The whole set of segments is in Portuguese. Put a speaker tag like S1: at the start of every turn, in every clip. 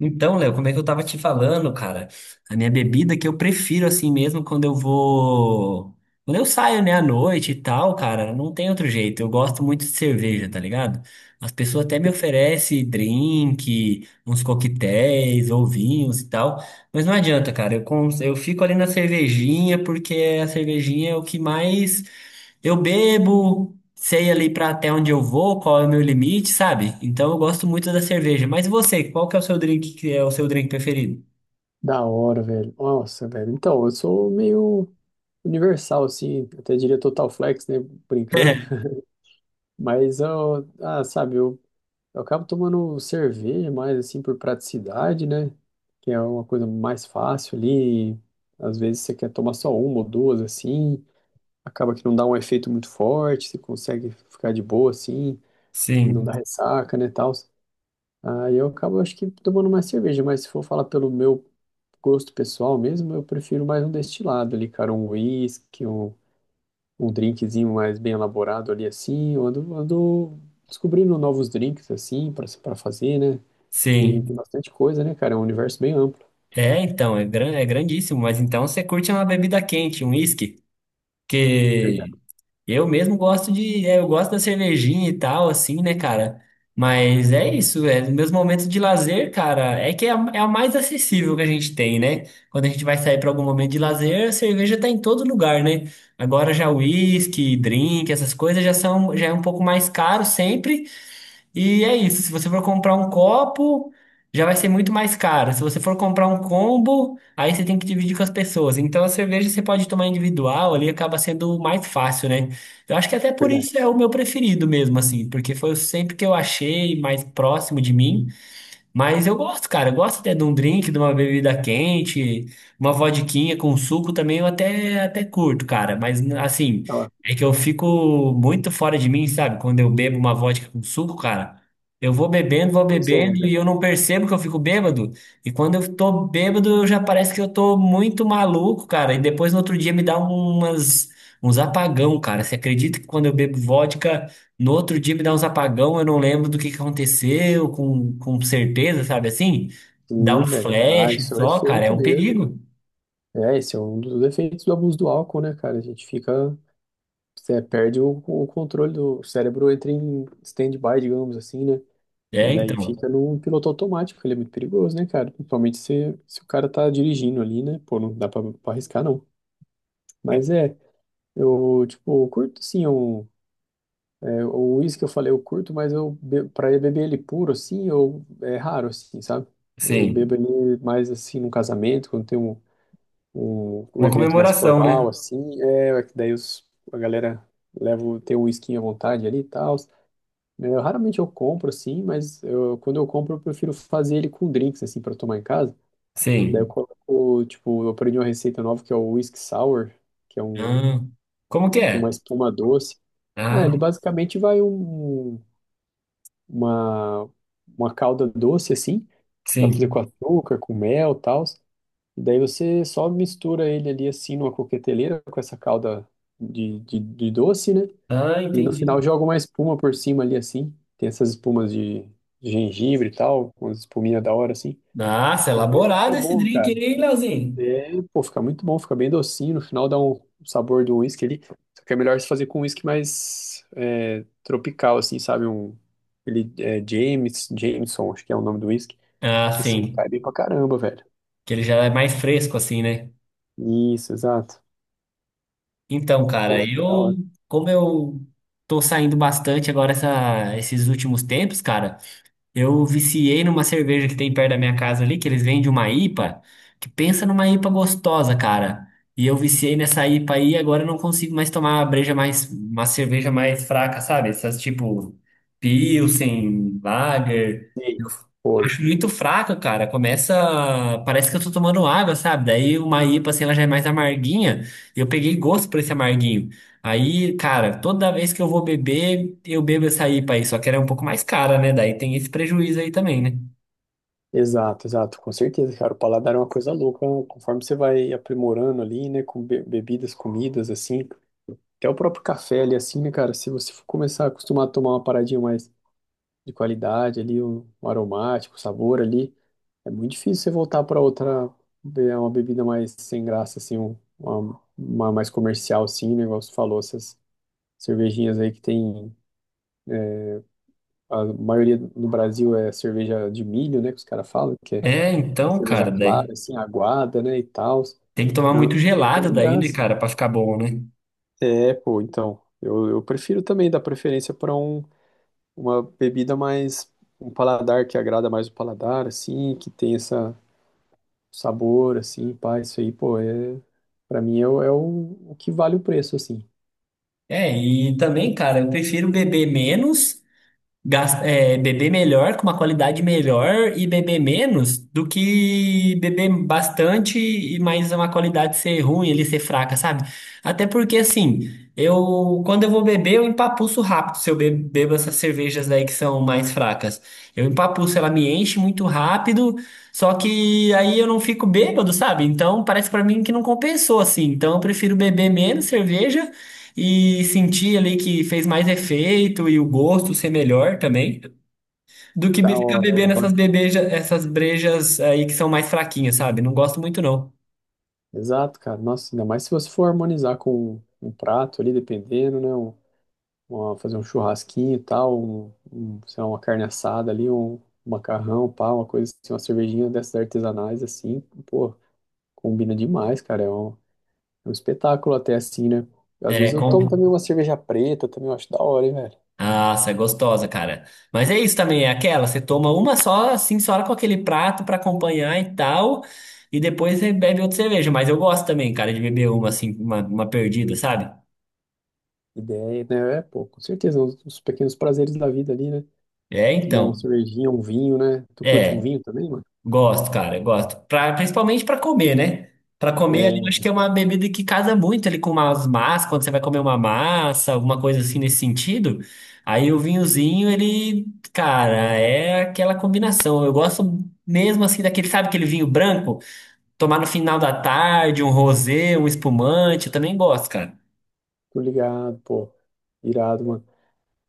S1: Então, Léo, como é que eu tava te falando, cara? A minha bebida que eu prefiro assim mesmo quando eu vou. Quando eu saio, né, à noite e tal, cara, não tem outro jeito. Eu gosto muito de cerveja, tá ligado? As pessoas até me oferecem drink, uns coquetéis ou vinhos e tal, mas não adianta, cara. Eu fico ali na cervejinha porque a cervejinha é o que mais eu bebo, sei ali pra até onde eu vou, qual é o meu limite, sabe? Então eu gosto muito da cerveja. Mas e você, qual que é o seu drink preferido?
S2: Da hora, velho. Nossa, velho. Então, eu sou meio universal, assim, até diria total flex, né? Brincando. Mas eu, ah, sabe, eu acabo tomando cerveja mais, assim, por praticidade, né? Que é uma coisa mais fácil ali. Às vezes você quer tomar só uma ou duas, assim. Acaba que não dá um efeito muito forte, você consegue ficar de boa, assim. Não dá
S1: Sim,
S2: ressaca, né, tal. Aí eu acabo, acho que, tomando mais cerveja. Mas se for falar pelo meu gosto pessoal mesmo, eu prefiro mais um destilado ali, cara, um whisky, um drinkzinho mais bem elaborado ali assim. Eu ando descobrindo novos drinks assim pra para fazer, né? Tem
S1: sim.
S2: bastante coisa, né, cara? É um universo bem amplo.
S1: É grandíssimo, mas então você curte uma bebida quente, um whisky, que
S2: Verdade,
S1: Eu mesmo eu gosto da cervejinha e tal, assim, né, cara? Mas é isso, é, nos meus momentos de lazer, cara, é que é a mais acessível que a gente tem, né? Quando a gente vai sair para algum momento de lazer, a cerveja tá em todo lugar, né? Agora já whisky, drink, essas coisas já são, já é um pouco mais caro sempre, e é isso. Se você for comprar um copo, já vai ser muito mais caro. Se você for comprar um combo, aí você tem que dividir com as pessoas. Então a cerveja você pode tomar individual, ali acaba sendo mais fácil, né? Eu acho que até por
S2: verdade.
S1: isso é o meu preferido mesmo, assim, porque foi sempre que eu achei mais próximo de mim. Mas eu gosto, cara. Eu gosto até de um drink, de uma bebida quente, uma vodquinha com suco também até curto, cara. Mas assim,
S2: Ó,
S1: é que eu fico muito fora de mim, sabe? Quando eu bebo uma vodka com suco, cara, vou
S2: pois é,
S1: bebendo e
S2: velho.
S1: eu não percebo que eu fico bêbado. E quando eu tô bêbado, eu já parece que eu tô muito maluco, cara. E depois no outro dia uns apagão, cara. Você acredita que quando eu bebo vodka. No outro dia me dá uns apagão, eu não lembro do que aconteceu com certeza, sabe assim? Dá
S2: Sim,
S1: um
S2: velho. Ah,
S1: flash
S2: isso é um
S1: só, cara, é
S2: efeito
S1: um
S2: mesmo.
S1: perigo.
S2: É, esse é um dos efeitos do abuso do álcool, né, cara? A gente fica, você perde o controle do o cérebro, entra em stand-by, digamos assim, né? E
S1: É,
S2: daí fica
S1: então.
S2: num piloto automático, ele é muito perigoso, né, cara? Principalmente se o cara tá dirigindo ali, né? Pô, não dá pra arriscar, não. Mas é, eu, tipo, eu curto sim o uísque que eu falei, eu curto, mas pra eu beber ele puro, assim, eu, é raro, assim, sabe? Eu bebo
S1: Sim.
S2: ele mais, assim, num casamento, quando tem um
S1: Uma
S2: evento mais
S1: comemoração, né?
S2: formal, assim, é que daí os, a galera leva, tem o uísquinho à vontade ali e tal. Eu raramente eu compro assim, mas eu, quando eu compro eu prefiro fazer ele com drinks assim para tomar em casa. Daí eu
S1: Sim.
S2: coloco, tipo, eu aprendi uma receita nova que é o whisky sour, que é
S1: Ah, como
S2: ele
S1: que
S2: é com uma
S1: é?
S2: espuma doce. Ah,
S1: Ah,
S2: ele basicamente vai uma uma calda doce assim, dá pra fazer com
S1: sim.
S2: açúcar, com mel, e tal. Daí você só mistura ele ali assim numa coqueteleira com essa calda de doce, né?
S1: Ah,
S2: E no final
S1: entendi.
S2: joga uma espuma por cima ali, assim. Tem essas espumas de gengibre e tal, com as espuminhas da hora, assim.
S1: Nossa, é
S2: O texto fica
S1: elaborado esse
S2: bom,
S1: drink, aí,
S2: cara.
S1: hein? Leozinho?
S2: É, pô, fica muito bom, fica bem docinho. No final dá um sabor do uísque ali. Só que é melhor se fazer com um uísque mais é, tropical, assim, sabe? James, Jameson, acho que é o nome do uísque.
S1: Ah,
S2: Esse aí
S1: sim.
S2: cai bem pra caramba, velho.
S1: Que ele já é mais fresco, assim, né?
S2: Isso, exato.
S1: Então, cara,
S2: Pô, da
S1: eu,
S2: hora.
S1: Como eu tô saindo bastante agora esses últimos tempos, cara, eu viciei numa cerveja que tem perto da minha casa ali, que eles vendem uma IPA, que pensa numa IPA gostosa, cara. E eu viciei nessa IPA aí, e agora eu não consigo mais tomar uma cerveja mais fraca, sabe? Essas tipo Pilsen, Lager.
S2: E aí?
S1: Eu
S2: Pô,
S1: acho muito fraca, cara. Começa, parece que eu tô tomando água, sabe? Daí uma IPA assim, ela já é mais amarguinha. E eu peguei gosto por esse amarguinho. Aí, cara, toda vez que eu vou beber, eu bebo essa IPA aí, só que ela é um pouco mais cara, né? Daí tem esse prejuízo aí também, né?
S2: exato, exato, com certeza, cara. O paladar é uma coisa louca, né? Conforme você vai aprimorando ali, né, com bebidas, comidas, assim, até o próprio café ali, assim, né, cara, se você for começar a acostumar a tomar uma paradinha mais de qualidade ali, um aromático, um sabor ali, é muito difícil você voltar para outra, uma bebida mais sem graça, assim, uma mais comercial, assim, né, igual você falou, essas cervejinhas aí que tem, a maioria no Brasil é cerveja de milho, né, que os caras falam,
S1: É,
S2: uma
S1: então,
S2: cerveja
S1: cara, daí
S2: clara, assim, aguada, né, e tal.
S1: tem que tomar
S2: Não,
S1: muito
S2: não tem
S1: gelado
S2: nem
S1: daí, né,
S2: graça.
S1: cara, pra ficar bom, né?
S2: É, pô, então, eu prefiro também dar preferência para um, uma bebida mais, um paladar que agrada mais o paladar, assim, que tem essa sabor, assim, pá, isso aí, pô, é, para mim é, é o que vale o preço, assim.
S1: É, e também, cara, eu prefiro beber beber melhor, com uma qualidade melhor e beber menos do que beber bastante e mais uma qualidade ser ruim, ele ser fraca, sabe? Até porque assim, eu quando eu vou beber, eu empapuço rápido se bebo essas cervejas aí que são mais fracas. Eu empapuço, ela me enche muito rápido, só que aí eu não fico bêbado, sabe? Então parece pra mim que não compensou assim. Então eu prefiro beber menos cerveja e sentir ali que fez mais efeito e o gosto ser melhor também, do que
S2: Da
S1: ficar
S2: hora,
S1: bebendo
S2: é.
S1: essas brejas aí que são mais fraquinhas, sabe? Não gosto muito, não.
S2: Exato, cara. Nossa, ainda mais se você for harmonizar com um prato ali, dependendo, né? Fazer um churrasquinho e tal, sei lá, uma carne assada ali, um macarrão, pá, uma coisa assim, uma cervejinha dessas artesanais assim, pô, combina demais, cara, é um espetáculo até assim, né? Às vezes
S1: É,
S2: eu
S1: com...
S2: tomo também uma cerveja preta, também eu acho da hora, hein, velho?
S1: Nossa, é gostosa, cara. Mas é isso também, é aquela, você toma uma só, assim, só com aquele prato pra acompanhar e tal, e depois você bebe outra cerveja. Mas eu gosto também, cara, de beber uma perdida, sabe?
S2: Ideia, né? É, pô, com certeza, os pequenos prazeres da vida ali, né?
S1: É,
S2: Tomar uma
S1: então.
S2: cervejinha, um vinho, né? Tu curte um
S1: É.
S2: vinho também, mano?
S1: Gosto, cara, gosto. Principalmente para comer, né? Para comer ali, eu acho
S2: É,
S1: que é uma bebida que casa muito ali com umas massas, quando você vai comer uma massa, alguma coisa assim nesse sentido. Aí o vinhozinho, ele, cara, é aquela combinação. Eu gosto mesmo assim daquele, sabe, aquele vinho branco, tomar no final da tarde, um rosé, um espumante, eu também gosto, cara.
S2: tô ligado, pô. Irado, mano.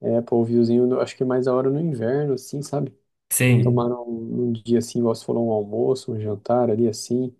S2: É, pô, o vinhozinho, eu acho que é mais da hora no inverno, assim, sabe? Tomar
S1: Sim.
S2: um, um dia assim, igual você falou, um almoço, um jantar ali assim,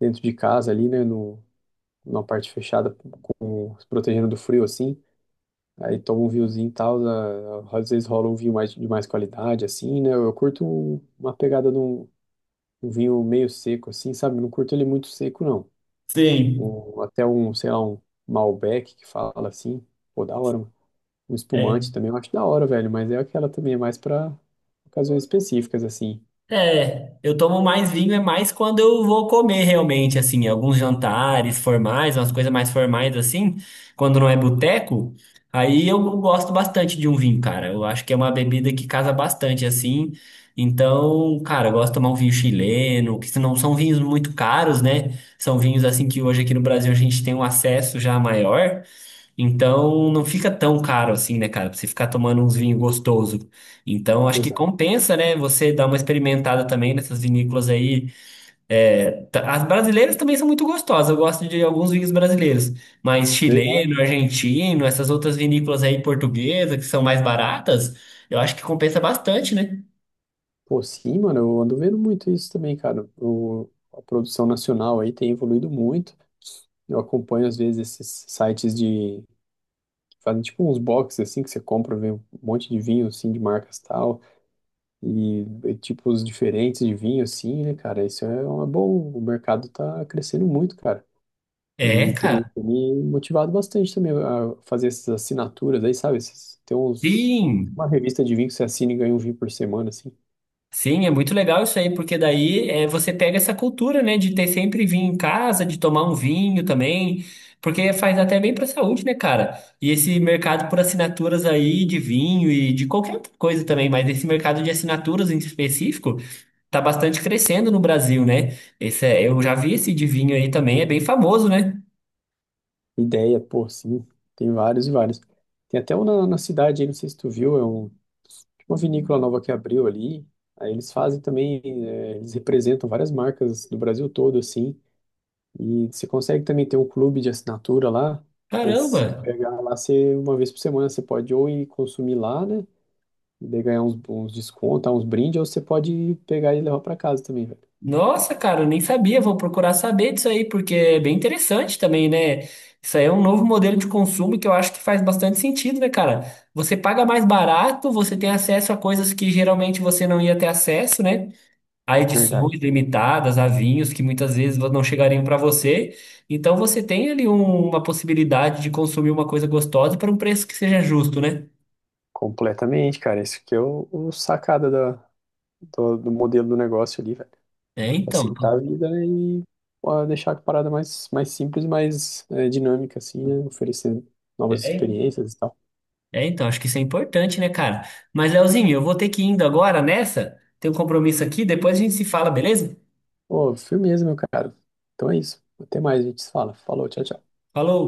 S2: dentro de casa ali, né, no, numa parte fechada, com, se protegendo do frio assim. Aí toma um vinhozinho e tal, às vezes rola um vinho mais, de mais qualidade assim, né? Eu curto uma pegada de um, um vinho meio seco assim, sabe? Não curto ele muito seco não.
S1: Sim.
S2: Sei lá, um Malbec que fala assim, pô, da hora, mano. Um espumante também eu acho da hora, velho, mas é aquela também, é mais pra ocasiões específicas assim.
S1: É, eu tomo mais vinho é mais quando eu vou comer realmente, assim, alguns jantares formais, umas coisas mais formais assim, quando não é boteco, aí eu gosto bastante de um vinho, cara. Eu acho que é uma bebida que casa bastante assim. Então, cara, eu gosto de tomar um vinho chileno, que não são vinhos muito caros, né? São vinhos assim que hoje aqui no Brasil a gente tem um acesso já maior. Então não fica tão caro assim, né, cara? Pra você ficar tomando uns vinhos gostoso. Então acho que
S2: Exato.
S1: compensa, né? Você dar uma experimentada também nessas vinícolas aí. É, as brasileiras também são muito gostosas. Eu gosto de alguns vinhos brasileiros, mas chileno,
S2: Verdade.
S1: argentino, essas outras vinícolas aí portuguesas que são mais baratas, eu acho que compensa bastante, né?
S2: Pô, sim, mano, eu ando vendo muito isso também, cara. O, a produção nacional aí tem evoluído muito. Eu acompanho, às vezes, esses sites de... que fazem tipo uns boxes, assim, que você compra, vê um monte de vinho, assim, de marcas tal, e tipos diferentes de vinho, assim, né, cara? Isso é uma boa... O mercado tá crescendo muito, cara.
S1: É,
S2: E tem me
S1: cara.
S2: tem me motivado bastante também a fazer essas assinaturas aí, sabe? Tem uns...
S1: Sim.
S2: Uma revista de vinho que você assina e ganha um vinho por semana, assim.
S1: Sim, é muito legal isso aí, porque daí é, você pega essa cultura, né, de ter sempre vinho em casa, de tomar um vinho também, porque faz até bem para a saúde, né, cara? E esse mercado por assinaturas aí de vinho e de qualquer outra coisa também, mas esse mercado de assinaturas em específico tá bastante crescendo no Brasil, né? Eu já vi esse de vinho aí também, é bem famoso, né?
S2: Ideia, pô, sim. Tem vários e vários. Tem até um na cidade, aí, não sei se tu viu, é um, tipo uma vinícola nova que abriu ali. Aí eles fazem também, é, eles representam várias marcas do Brasil todo, assim. E você consegue também ter um clube de assinatura lá. Daí se tu
S1: Caramba!
S2: pegar lá, você, uma vez por semana você pode ou ir consumir lá, né? E daí ganhar uns descontos, uns brindes, ou você pode pegar e levar para casa também, velho.
S1: Nossa, cara, eu nem sabia. Vou procurar saber disso aí, porque é bem interessante também, né? Isso aí é um novo modelo de consumo que eu acho que faz bastante sentido, né, cara? Você paga mais barato, você tem acesso a coisas que geralmente você não ia ter acesso, né? A
S2: Verdade.
S1: edições limitadas, a vinhos que muitas vezes não chegariam para você. Então você tem ali uma possibilidade de consumir uma coisa gostosa para um preço que seja justo, né?
S2: Completamente, cara. Isso que é o sacada da, do modelo do negócio ali, velho.
S1: É, então.
S2: Facilitar a vida, né? E pô, deixar a parada mais simples, mais é, dinâmica, assim, né? Oferecendo novas experiências e tal.
S1: É, então, acho que isso é importante, né, cara? Mas, Leozinho, eu vou ter que ir indo agora nessa. Tem um compromisso aqui, depois a gente se fala, beleza?
S2: Pô, firmeza, meu cara. Então é isso. Até mais, a gente se fala. Falou, tchau, tchau.
S1: Falou!